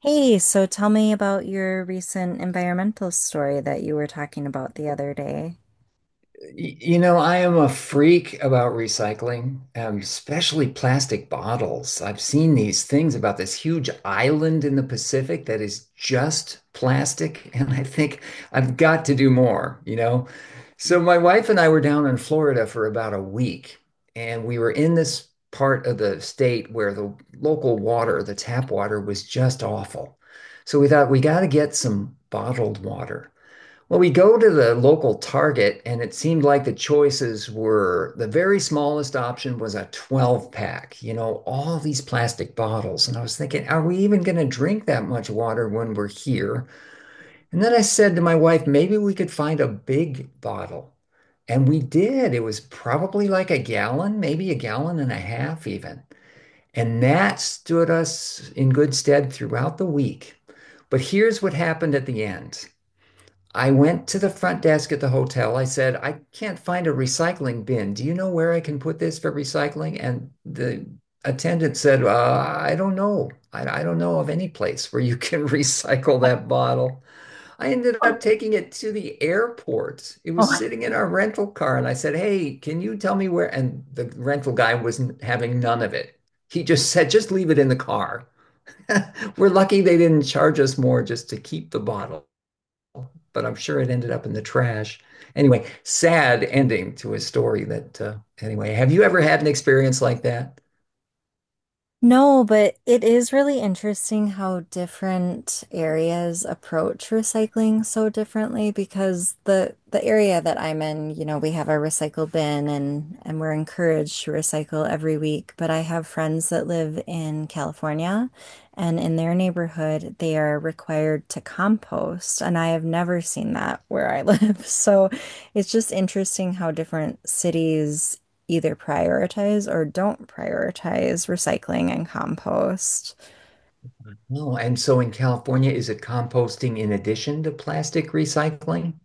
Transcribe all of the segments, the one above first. Hey, so tell me about your recent environmental story that you were talking about the other day. You know, I am a freak about recycling, especially plastic bottles. I've seen these things about this huge island in the Pacific that is just plastic, and I think I've got to do more, you know? So my wife and I were down in Florida for about a week, and we were in this part of the state where the local water, the tap water, was just awful. So we thought we got to get some bottled water. Well, we go to the local Target, and it seemed like the choices were the very smallest option was a 12 pack, you know, all these plastic bottles. And I was thinking, are we even going to drink that much water when we're here? And then I said to my wife, maybe we could find a big bottle. And we did. It was probably like a gallon, maybe a gallon and a half, even. And that stood us in good stead throughout the week. But here's what happened at the end. I went to the front desk at the hotel. I said, I can't find a recycling bin. Do you know where I can put this for recycling? And the attendant said, I don't know. I don't know of any place where you can recycle that bottle. I ended up taking it to the airport. It was sitting in our rental car. And I said, Hey, can you tell me where? And the rental guy wasn't having none of it. He just said, Just leave it in the car. We're lucky they didn't charge us more just to keep the bottle, but I'm sure it ended up in the trash. Anyway, sad ending to a story that, anyway, have you ever had an experience like that? No, but it is really interesting how different areas approach recycling so differently because the area that I'm in, you know, we have our recycle bin, and we're encouraged to recycle every week, but I have friends that live in California and in their neighborhood they are required to compost and I have never seen that where I live. So it's just interesting how different cities either prioritize or don't prioritize recycling and compost. No. And so in California, is it composting in addition to plastic recycling?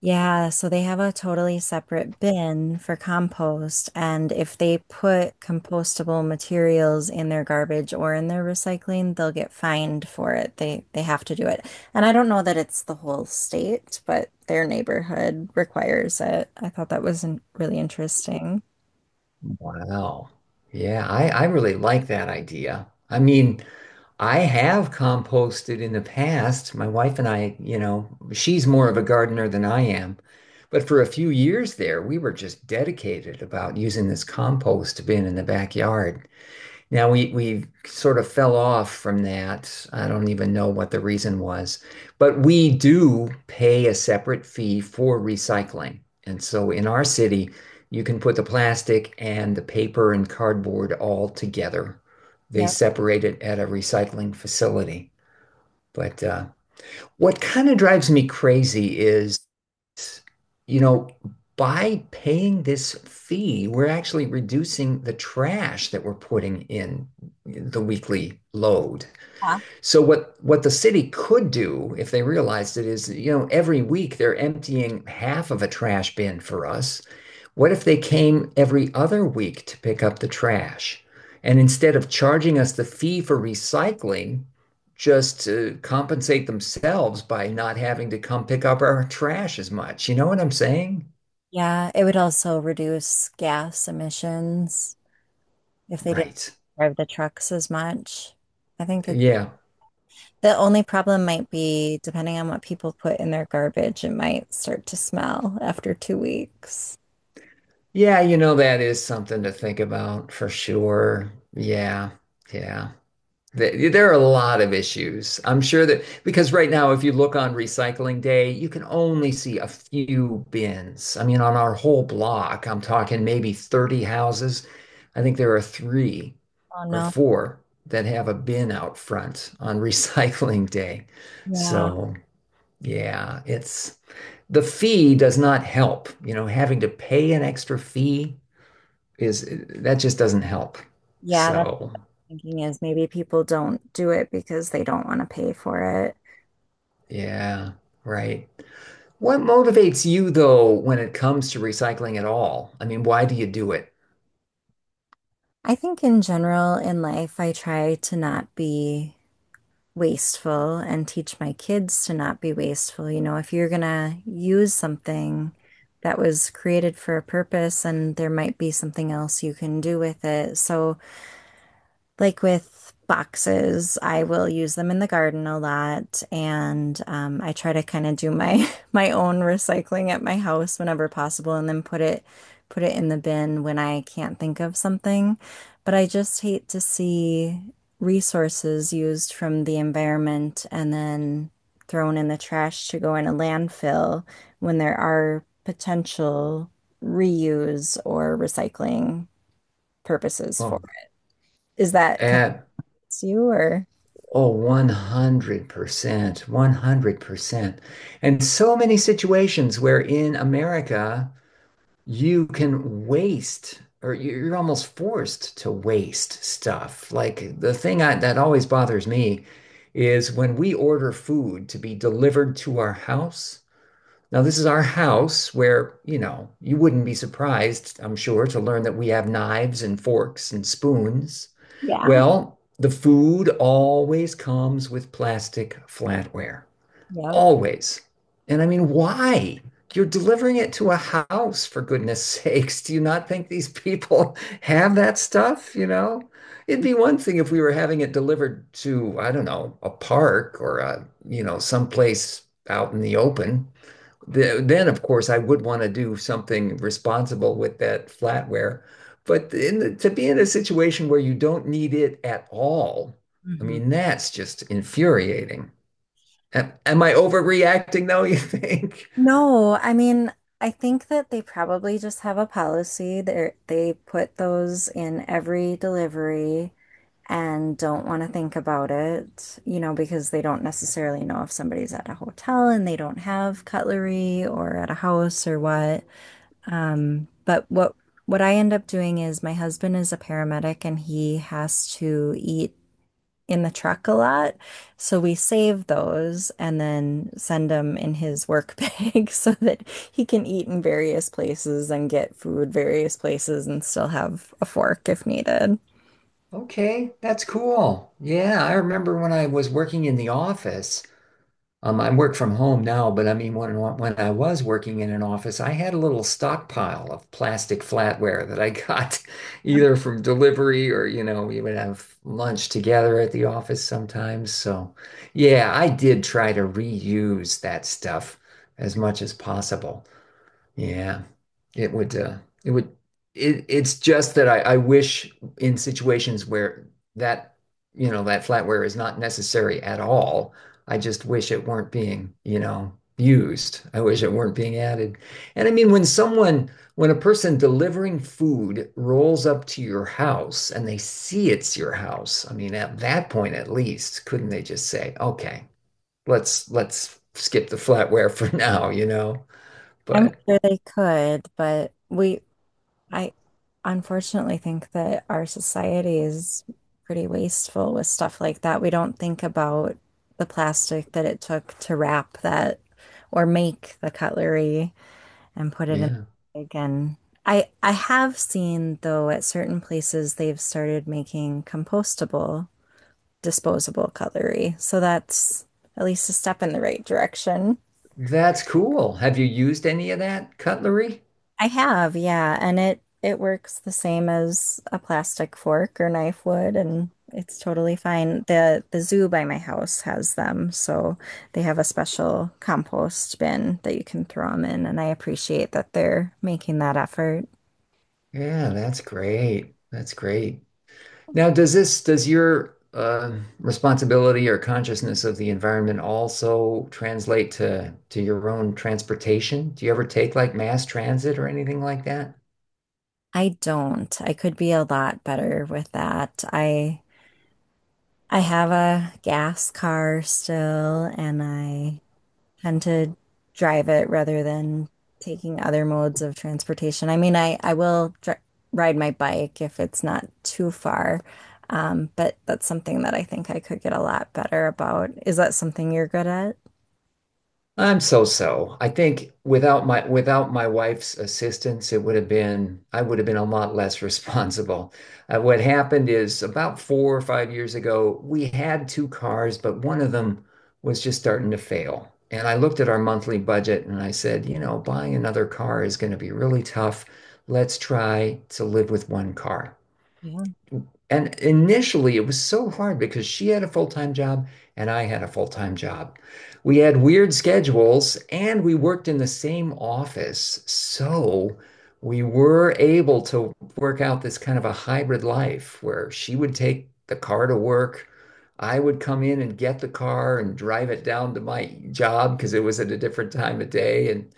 Yeah, so they have a totally separate bin for compost. And if they put compostable materials in their garbage or in their recycling, they'll get fined for it. They have to do it. And I don't know that it's the whole state, but their neighborhood requires it. I thought that was really interesting. Wow. Yeah, I really like that idea. I mean, I have composted in the past. My wife and I, you know, she's more of a gardener than I am. But for a few years there, we were just dedicated about using this compost bin in the backyard. Now we sort of fell off from that. I don't even know what the reason was, but we do pay a separate fee for recycling. And so in our city, you can put the plastic and the paper and cardboard all together. They Yep. separate it at a recycling facility. But what kind of drives me crazy is, you know, by paying this fee, we're actually reducing the trash that we're putting in the weekly load. Yeah, So what the city could do if they realized it is, you know, every week they're emptying half of a trash bin for us. What if they came every other week to pick up the trash? And instead of charging us the fee for recycling, just to compensate themselves by not having to come pick up our trash as much. You know what I'm saying? yeah, it would also reduce gas emissions if they didn't Right. drive the trucks as much. I think it's Yeah. the only problem might be, depending on what people put in their garbage, it might start to smell after two weeks. Yeah, you know, that is something to think about for sure. Yeah. Yeah. There are a lot of issues. I'm sure that because right now, if you look on Recycling Day, you can only see a few bins. I mean, on our whole block, I'm talking maybe 30 houses. I think there are three Oh or no. four that have a bin out front on Recycling Day. Yeah. So, yeah, it's the fee does not help. You know, having to pay an extra fee is that just doesn't help. Yeah, that's So, what I'm thinking is maybe people don't do it because they don't want to pay for it. yeah, right. What motivates you though when it comes to recycling at all? I mean, why do you do it? I think in general in life, I try to not be wasteful and teach my kids to not be wasteful. You know, if you're gonna use something that was created for a purpose, and there might be something else you can do with it. So like with boxes, I will use them in the garden a lot, and I try to kind of do my my own recycling at my house whenever possible, and then put it in the bin when I can't think of something. But I just hate to see resources used from the environment and then thrown in the trash to go in a landfill when there are potential reuse or recycling purposes for Oh, it. Is that kind At it's you or? oh, 100%, 100%. And so many situations where in America you can waste or you're almost forced to waste stuff. Like that always bothers me is when we order food to be delivered to our house. Now, this is our house where, you know, you wouldn't be surprised, I'm sure, to learn that we have knives and forks and spoons. Yeah. Well, the food always comes with plastic flatware. Yep. Always. And I mean, why? You're delivering it to a house, for goodness sakes. Do you not think these people have that stuff? You know, it'd be one thing if we were having it delivered to, I don't know, a park or you know, someplace out in the open then of course I would want to do something responsible with that flatware. But to be in a situation where you don't need it at all, I Mhm. mean, that's just infuriating. Am I overreacting though, you think? No, I mean, I think that they probably just have a policy that they put those in every delivery and don't want to think about it, you know, because they don't necessarily know if somebody's at a hotel and they don't have cutlery or at a house or what. But what I end up doing is my husband is a paramedic and he has to eat in the truck a lot. So we save those and then send them in his work bag so that he can eat in various places and get food various places and still have a fork if needed. Okay, that's cool. Yeah, I remember when I was working in the office. I work from home now, but I mean, when I was working in an office, I had a little stockpile of plastic flatware that I got either from delivery or, you know, we would have lunch together at the office sometimes. So, yeah, I did try to reuse that stuff as much as possible. Yeah. It would, uh, it would, it's just that I wish in situations where that, you know, that flatware is not necessary at all. I just wish it weren't being, you know, used. I wish it weren't being added. And I mean, when a person delivering food rolls up to your house and they see it's your house, I mean, at that point at least, couldn't they just say, okay, let's skip the flatware for now, you know? I'm But sure they could, but I unfortunately think that our society is pretty wasteful with stuff like that. We don't think about the plastic that it took to wrap that or make the cutlery and put it in yeah. again. I have seen though at certain places they've started making compostable, disposable cutlery. So that's at least a step in the right direction. That's cool. Have you used any of that cutlery? I have, yeah, and it works the same as a plastic fork or knife would and it's totally fine. The zoo by my house has them, so they have a special compost bin that you can throw them in and I appreciate that they're making that effort. Yeah, that's great. That's great. Now, does your responsibility or consciousness of the environment also translate to your own transportation? Do you ever take like mass transit or anything like that? I don't. I could be a lot better with that. I have a gas car still, and I tend to drive it rather than taking other modes of transportation. I mean, I will dri ride my bike if it's not too far, but that's something that I think I could get a lot better about. Is that something you're good at? I'm so so. I think without my wife's assistance, it would have been I would have been a lot less responsible. What happened is about 4 or 5 years ago, we had two cars, but one of them was just starting to fail. And I looked at our monthly budget and I said, you know, buying another car is going to be really tough. Let's try to live with one car. Yeah. And initially, it was so hard because she had a full-time job and I had a full-time job. We had weird schedules and we worked in the same office. So we were able to work out this kind of a hybrid life where she would take the car to work. I would come in and get the car and drive it down to my job because it was at a different time of day. And,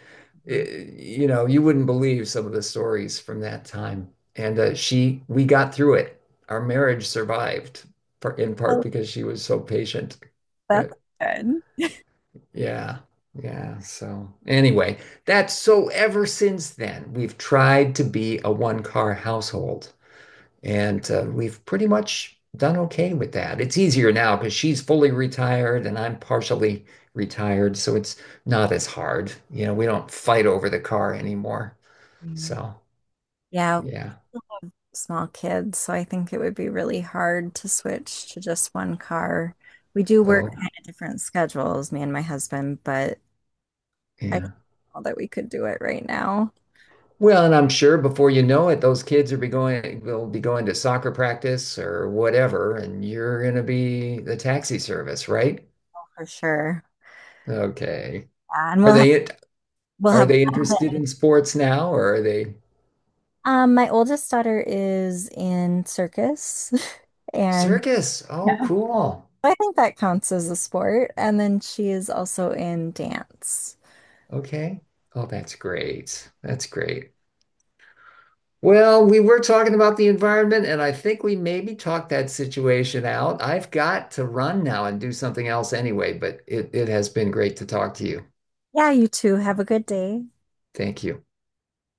Mhm. You know, you wouldn't believe some of the stories from that time. And we got through it, our marriage survived in part Oh, because she was so patient. that's But good. yeah, yeah. So anyway, that's so ever since then, we've tried to be a one car household and we've pretty much done okay with that. It's easier now because she's fully retired and I'm partially retired. So it's not as hard. You know, we don't fight over the car anymore. So Yeah. Yeah. yeah. Small kids, so I think it would be really hard to switch to just one car. We do work So kind of different schedules, me and my husband, but I don't yeah. know that we could do it right now, Well, and I'm sure before you know it, those kids are be going will be going to soccer practice or whatever, and you're going to be the taxi service, right? for sure. Okay. Yeah, and Are they we'll are have they interested in sports now, or are they my oldest daughter is in circus and circus? yeah. Oh, cool. I think that counts as a sport. And then she is also in dance. Okay. Oh, that's great. That's great. Well, we were talking about the environment, and I think we maybe talked that situation out. I've got to run now and do something else anyway, but it has been great to talk to you. Yeah, you two have a good day. Thank you.